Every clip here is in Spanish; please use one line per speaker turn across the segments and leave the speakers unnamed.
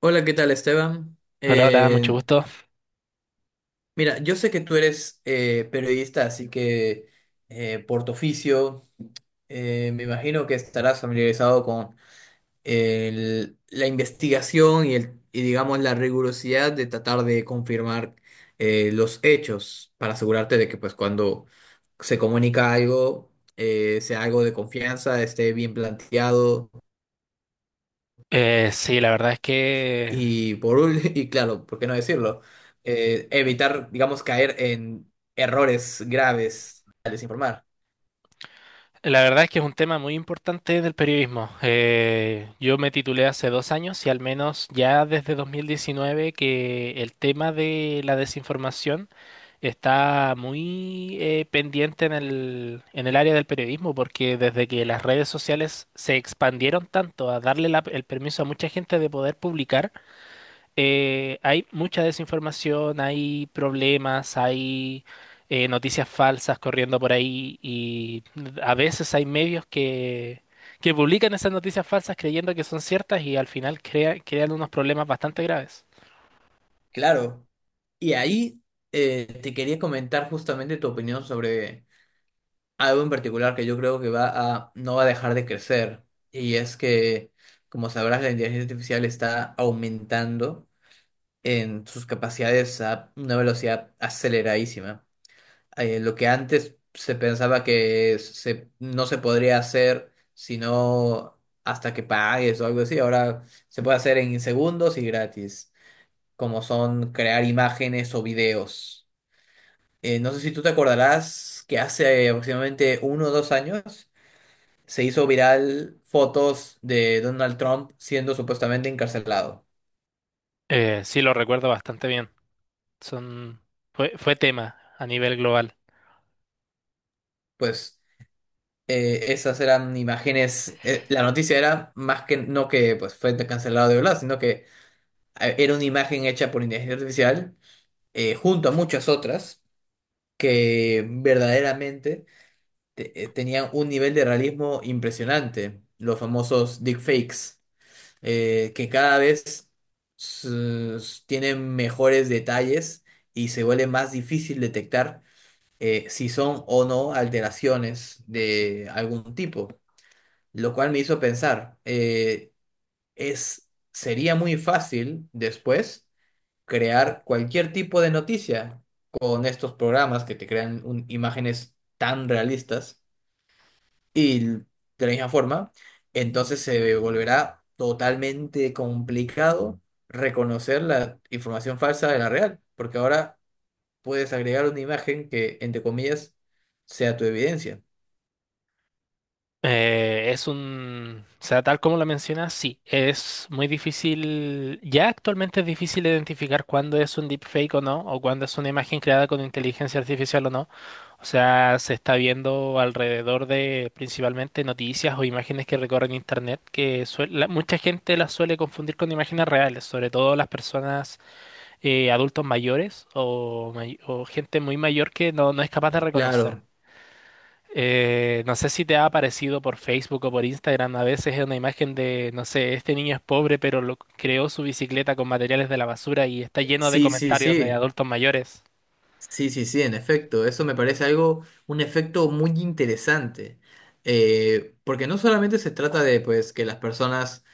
Hola, ¿qué tal, Esteban?
Hola, hola, mucho gusto.
Mira, yo sé que tú eres periodista, así que por tu oficio, me imagino que estarás familiarizado con la investigación y, el, y, digamos, la rigurosidad de tratar de confirmar los hechos para asegurarte de que, pues, cuando se comunica algo, sea algo de confianza, esté bien planteado.
Sí, la verdad es que
Y claro, ¿por qué no decirlo? Evitar, digamos, caer en errores graves al desinformar.
es un tema muy importante del periodismo. Yo me titulé hace dos años y al menos ya desde 2019 que el tema de la desinformación está muy pendiente en el área del periodismo porque desde que las redes sociales se expandieron tanto a darle el permiso a mucha gente de poder publicar, hay mucha desinformación, hay problemas, hay noticias falsas corriendo por ahí y a veces hay medios que publican esas noticias falsas creyendo que son ciertas y al final crean unos problemas bastante graves.
Claro. Y ahí te quería comentar justamente tu opinión sobre algo en particular que yo creo que no va a dejar de crecer. Y es que, como sabrás, la inteligencia artificial está aumentando en sus capacidades a una velocidad aceleradísima. Lo que antes se pensaba que no se podría hacer sino hasta que pagues o algo así, ahora se puede hacer en segundos y gratis, como son crear imágenes o videos. No sé si tú te acordarás que hace aproximadamente 1 o 2 años se hizo viral fotos de Donald Trump siendo supuestamente encarcelado.
Sí, lo recuerdo bastante bien. Son, fue tema a nivel global.
Pues esas eran imágenes, la noticia era más que no que pues, fue cancelado de verdad, sino que era una imagen hecha por inteligencia artificial, junto a muchas otras, que verdaderamente tenían un nivel de realismo impresionante, los famosos deepfakes, que cada vez s- tienen mejores detalles y se vuelve más difícil detectar si son o no alteraciones de algún tipo, lo cual me hizo pensar, sería muy fácil después crear cualquier tipo de noticia con estos programas que te crean imágenes tan realistas y de la misma forma. Entonces se volverá totalmente complicado reconocer la información falsa de la real, porque ahora puedes agregar una imagen que, entre comillas, sea tu evidencia.
O sea, tal como lo mencionas, sí, es muy difícil, ya actualmente es difícil identificar cuándo es un deepfake o no, o cuándo es una imagen creada con inteligencia artificial o no. O sea, se está viendo alrededor de principalmente noticias o imágenes que recorren internet, que mucha gente las suele confundir con imágenes reales, sobre todo las personas adultos mayores o o gente muy mayor que no es capaz de reconocer.
Claro,
No sé si te ha aparecido por Facebook o por Instagram, a veces es una imagen de, no sé, este niño es pobre, pero creó su bicicleta con materiales de la basura y está lleno de
sí, sí,
comentarios de
sí.
adultos mayores.
Sí, sí, sí, en efecto, eso me parece algo, un efecto muy interesante, porque no solamente se trata de pues que las personas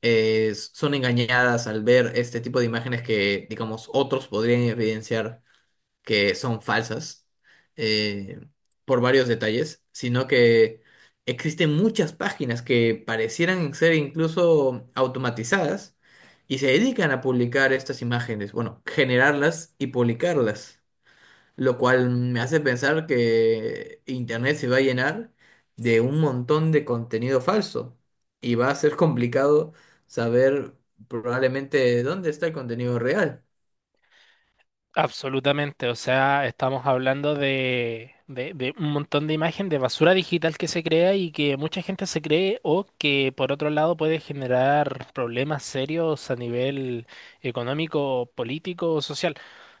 son engañadas al ver este tipo de imágenes que, digamos, otros podrían evidenciar que son falsas eh, por varios detalles, sino que existen muchas páginas que parecieran ser incluso automatizadas y se dedican a publicar estas imágenes, bueno, generarlas y publicarlas, lo cual me hace pensar que Internet se va a llenar de un montón de contenido falso y va a ser complicado saber probablemente dónde está el contenido real.
Absolutamente, o sea, estamos hablando de un montón de imagen de basura digital que se crea y que mucha gente se cree o que por otro lado puede generar problemas serios a nivel económico, político o social.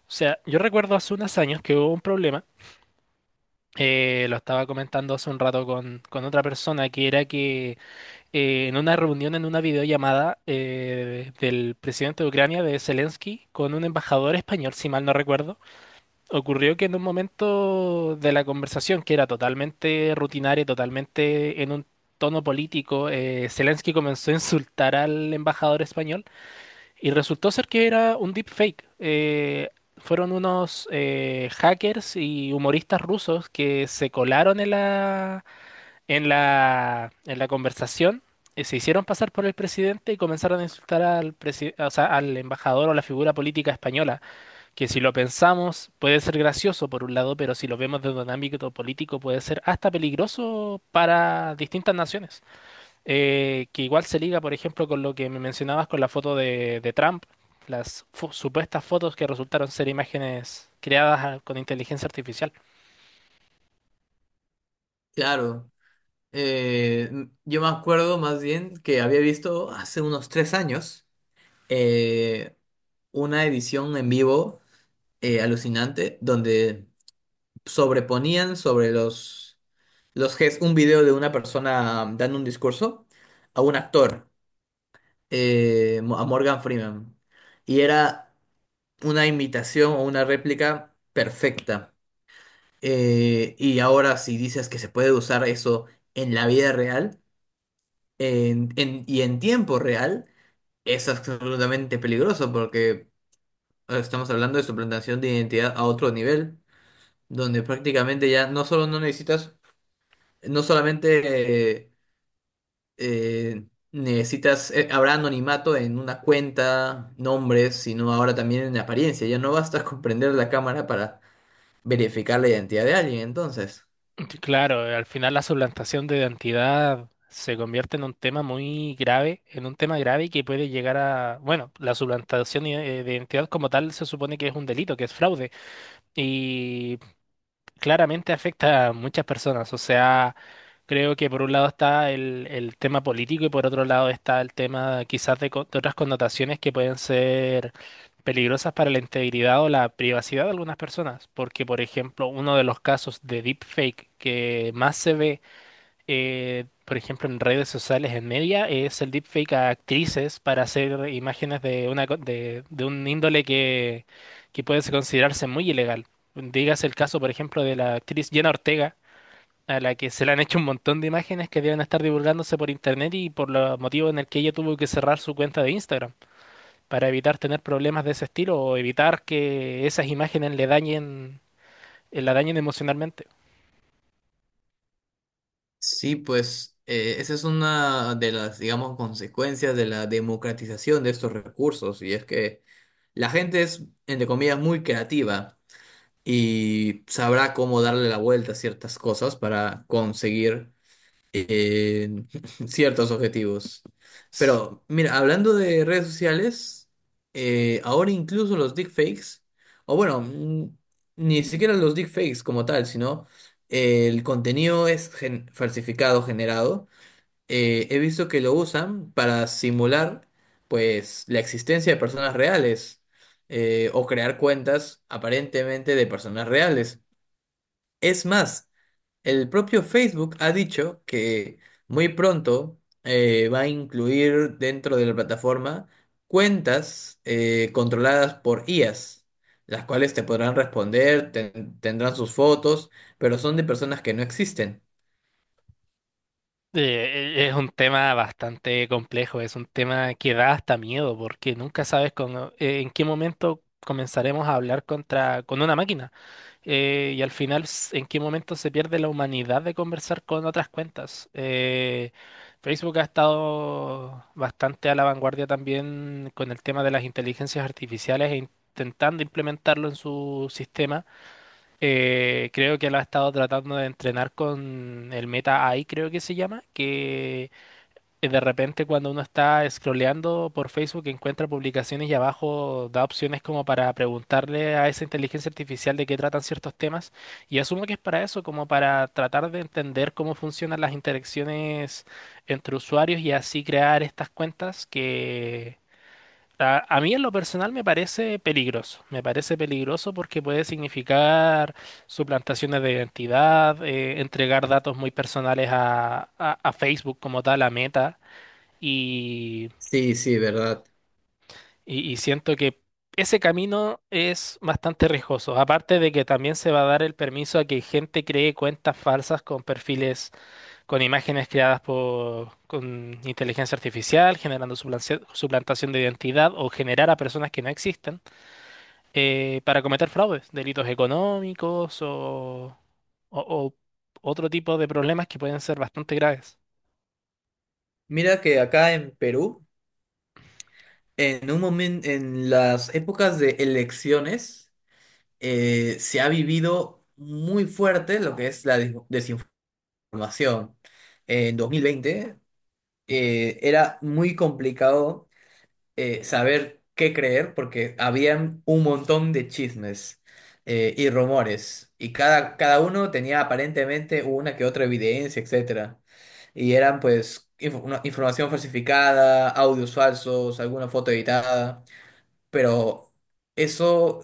O sea, yo recuerdo hace unos años que hubo un problema, lo estaba comentando hace un rato con otra persona, que era que en una reunión, en una videollamada del presidente de Ucrania, de Zelensky, con un embajador español, si mal no recuerdo, ocurrió que en un momento de la conversación, que era totalmente rutinaria, totalmente en un tono político, Zelensky comenzó a insultar al embajador español y resultó ser que era un deepfake. Fueron unos hackers y humoristas rusos que se colaron en la conversación. Se hicieron pasar por el presidente y comenzaron a insultar o sea, al embajador o la figura política española, que si lo pensamos puede ser gracioso por un lado, pero si lo vemos desde un ámbito político puede ser hasta peligroso para distintas naciones, que igual se liga, por ejemplo, con lo que me mencionabas con la foto de Trump, supuestas fotos que resultaron ser imágenes creadas con inteligencia artificial.
Claro, yo me acuerdo más bien que había visto hace unos 3 años eh, una edición en vivo alucinante donde sobreponían sobre los, un video de una persona dando un discurso a un actor, a Morgan Freeman. Y era una imitación o una réplica perfecta. Y ahora, si dices que se puede usar eso en la vida real, y en tiempo real, es absolutamente peligroso, porque estamos hablando de suplantación de identidad a otro nivel, donde prácticamente ya no solo no necesitas, no solamente, eh, necesitas, habrá anonimato en una cuenta, nombres, sino ahora también en apariencia. Ya no basta con prender la cámara para verificar la identidad de alguien, entonces.
Claro, al final la suplantación de identidad se convierte en un tema muy grave, en un tema grave que puede llegar a, bueno, de identidad como tal se supone que es un delito, que es fraude, y claramente afecta a muchas personas. O sea, creo que por un lado está el tema político y por otro lado está el tema quizás de otras connotaciones que pueden ser peligrosas para la integridad o la privacidad de algunas personas. Porque, por ejemplo, uno de los casos de deepfake que más se ve, por ejemplo, en redes sociales, en media, es el deepfake a actrices para hacer imágenes de de un índole que puede considerarse muy ilegal. Dígase el caso, por ejemplo, de la actriz Jenna Ortega, a la que se le han hecho un montón de imágenes que deben estar divulgándose por internet y por los motivos en el que ella tuvo que cerrar su cuenta de Instagram para evitar tener problemas de ese estilo o evitar que esas imágenes le dañen, la dañen emocionalmente.
Sí, pues esa es una de las, digamos, consecuencias de la democratización de estos recursos, y es que la gente es, entre comillas, muy creativa y sabrá cómo darle la vuelta a ciertas cosas para conseguir eh, ciertos objetivos. Pero mira, hablando de redes sociales, ahora incluso los deepfakes, o bueno, ni siquiera los deepfakes como tal, sino el contenido es falsificado, generado. He visto que lo usan para simular pues la existencia de personas reales, o crear cuentas aparentemente de personas reales. Es más, el propio Facebook ha dicho que muy pronto va a incluir dentro de la plataforma cuentas controladas por IAs, las cuales te podrán responder, tendrán sus fotos, pero son de personas que no existen.
Es un tema bastante complejo, es un tema que da hasta miedo porque nunca sabes en qué momento comenzaremos a hablar con una máquina y al final en qué momento se pierde la humanidad de conversar con otras cuentas. Facebook ha estado bastante a la vanguardia también con el tema de las inteligencias artificiales e intentando implementarlo en su sistema. Creo que lo ha estado tratando de entrenar con el Meta AI, creo que se llama, que de repente cuando uno está scrolleando por Facebook encuentra publicaciones y abajo da opciones como para preguntarle a esa inteligencia artificial de qué tratan ciertos temas. Y asumo que es para eso, como para tratar de entender cómo funcionan las interacciones entre usuarios y así crear estas cuentas que a mí en lo personal me parece peligroso porque puede significar suplantaciones de identidad, entregar datos muy personales a Facebook como tal, a Meta, y,
Sí, sí, verdad.
y siento que ese camino es bastante riesgoso, aparte de que también se va a dar el permiso a que gente cree cuentas falsas con perfiles, con imágenes creadas con inteligencia artificial, generando suplantación de identidad o generar a personas que no existen. Para cometer fraudes, delitos económicos o- o otro tipo de problemas que pueden ser bastante graves.
Mira que acá en Perú, en un momento, en las épocas de elecciones, se ha vivido muy fuerte lo que es la desinformación. En 2020 era muy complicado saber qué creer, porque habían un montón de chismes y rumores, y cada uno tenía aparentemente una que otra evidencia, etcétera. Y eran pues información falsificada, audios falsos, alguna foto editada, pero eso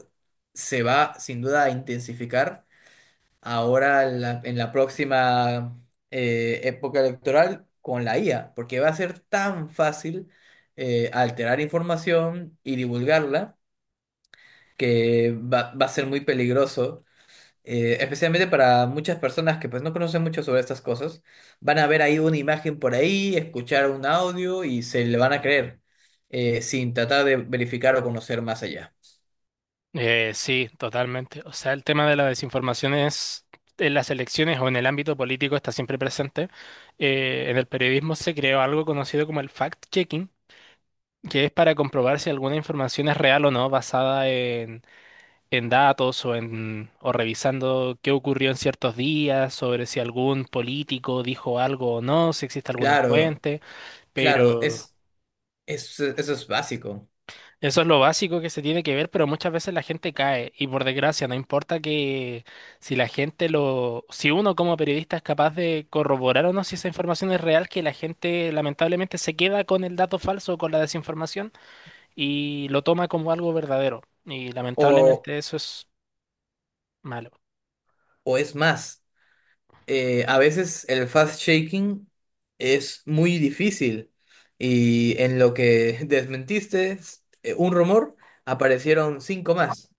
se va sin duda a intensificar ahora en en la próxima época electoral con la IA, porque va a ser tan fácil alterar información y divulgarla, que va a ser muy peligroso, especialmente para muchas personas que pues no conocen mucho sobre estas cosas. Van a ver ahí una imagen por ahí, escuchar un audio y se le van a creer sin tratar de verificar o conocer más allá.
Sí, totalmente. O sea, el tema de la desinformación es, en las elecciones o en el ámbito político está siempre presente. En el periodismo se creó algo conocido como el fact-checking, que es para comprobar si alguna información es real o no, basada en datos o en o revisando qué ocurrió en ciertos días, sobre si algún político dijo algo o no, si existe alguna
Claro,
fuente,
claro,
pero
es, eso es básico.
eso es lo básico que se tiene que ver, pero muchas veces la gente cae y por desgracia no importa que si la gente lo si uno como periodista es capaz de corroborar o no si esa información es real, que la gente lamentablemente se queda con el dato falso o con la desinformación y lo toma como algo verdadero y
O,
lamentablemente eso es malo.
o, es más, a veces el fast shaking es muy difícil, y en lo que desmentiste un rumor, aparecieron cinco más.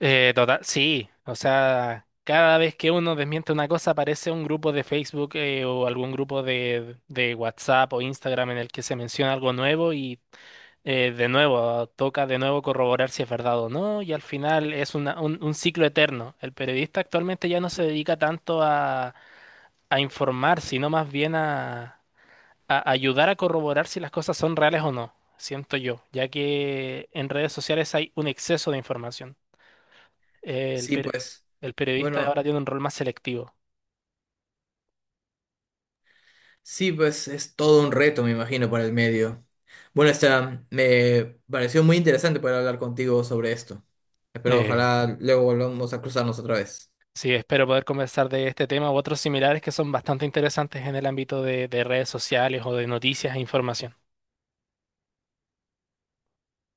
Total, sí, o sea, cada vez que uno desmiente una cosa aparece un grupo de Facebook, o algún grupo de WhatsApp o Instagram en el que se menciona algo nuevo y de nuevo toca de nuevo corroborar si es verdad o no y al final es un ciclo eterno. El periodista actualmente ya no se dedica tanto a informar, sino más bien a ayudar a corroborar si las cosas son reales o no, siento yo, ya que en redes sociales hay un exceso de información. Eh, el,
Sí,
per-
pues.
el periodista ahora
Bueno,
tiene un rol más selectivo.
sí, pues es todo un reto, me imagino, para el medio. Bueno, Esteban, me pareció muy interesante poder hablar contigo sobre esto. Espero
Eh,
ojalá luego volvamos a cruzarnos otra vez.
sí, espero poder conversar de este tema u otros similares que son bastante interesantes en el ámbito de redes sociales o de noticias e información.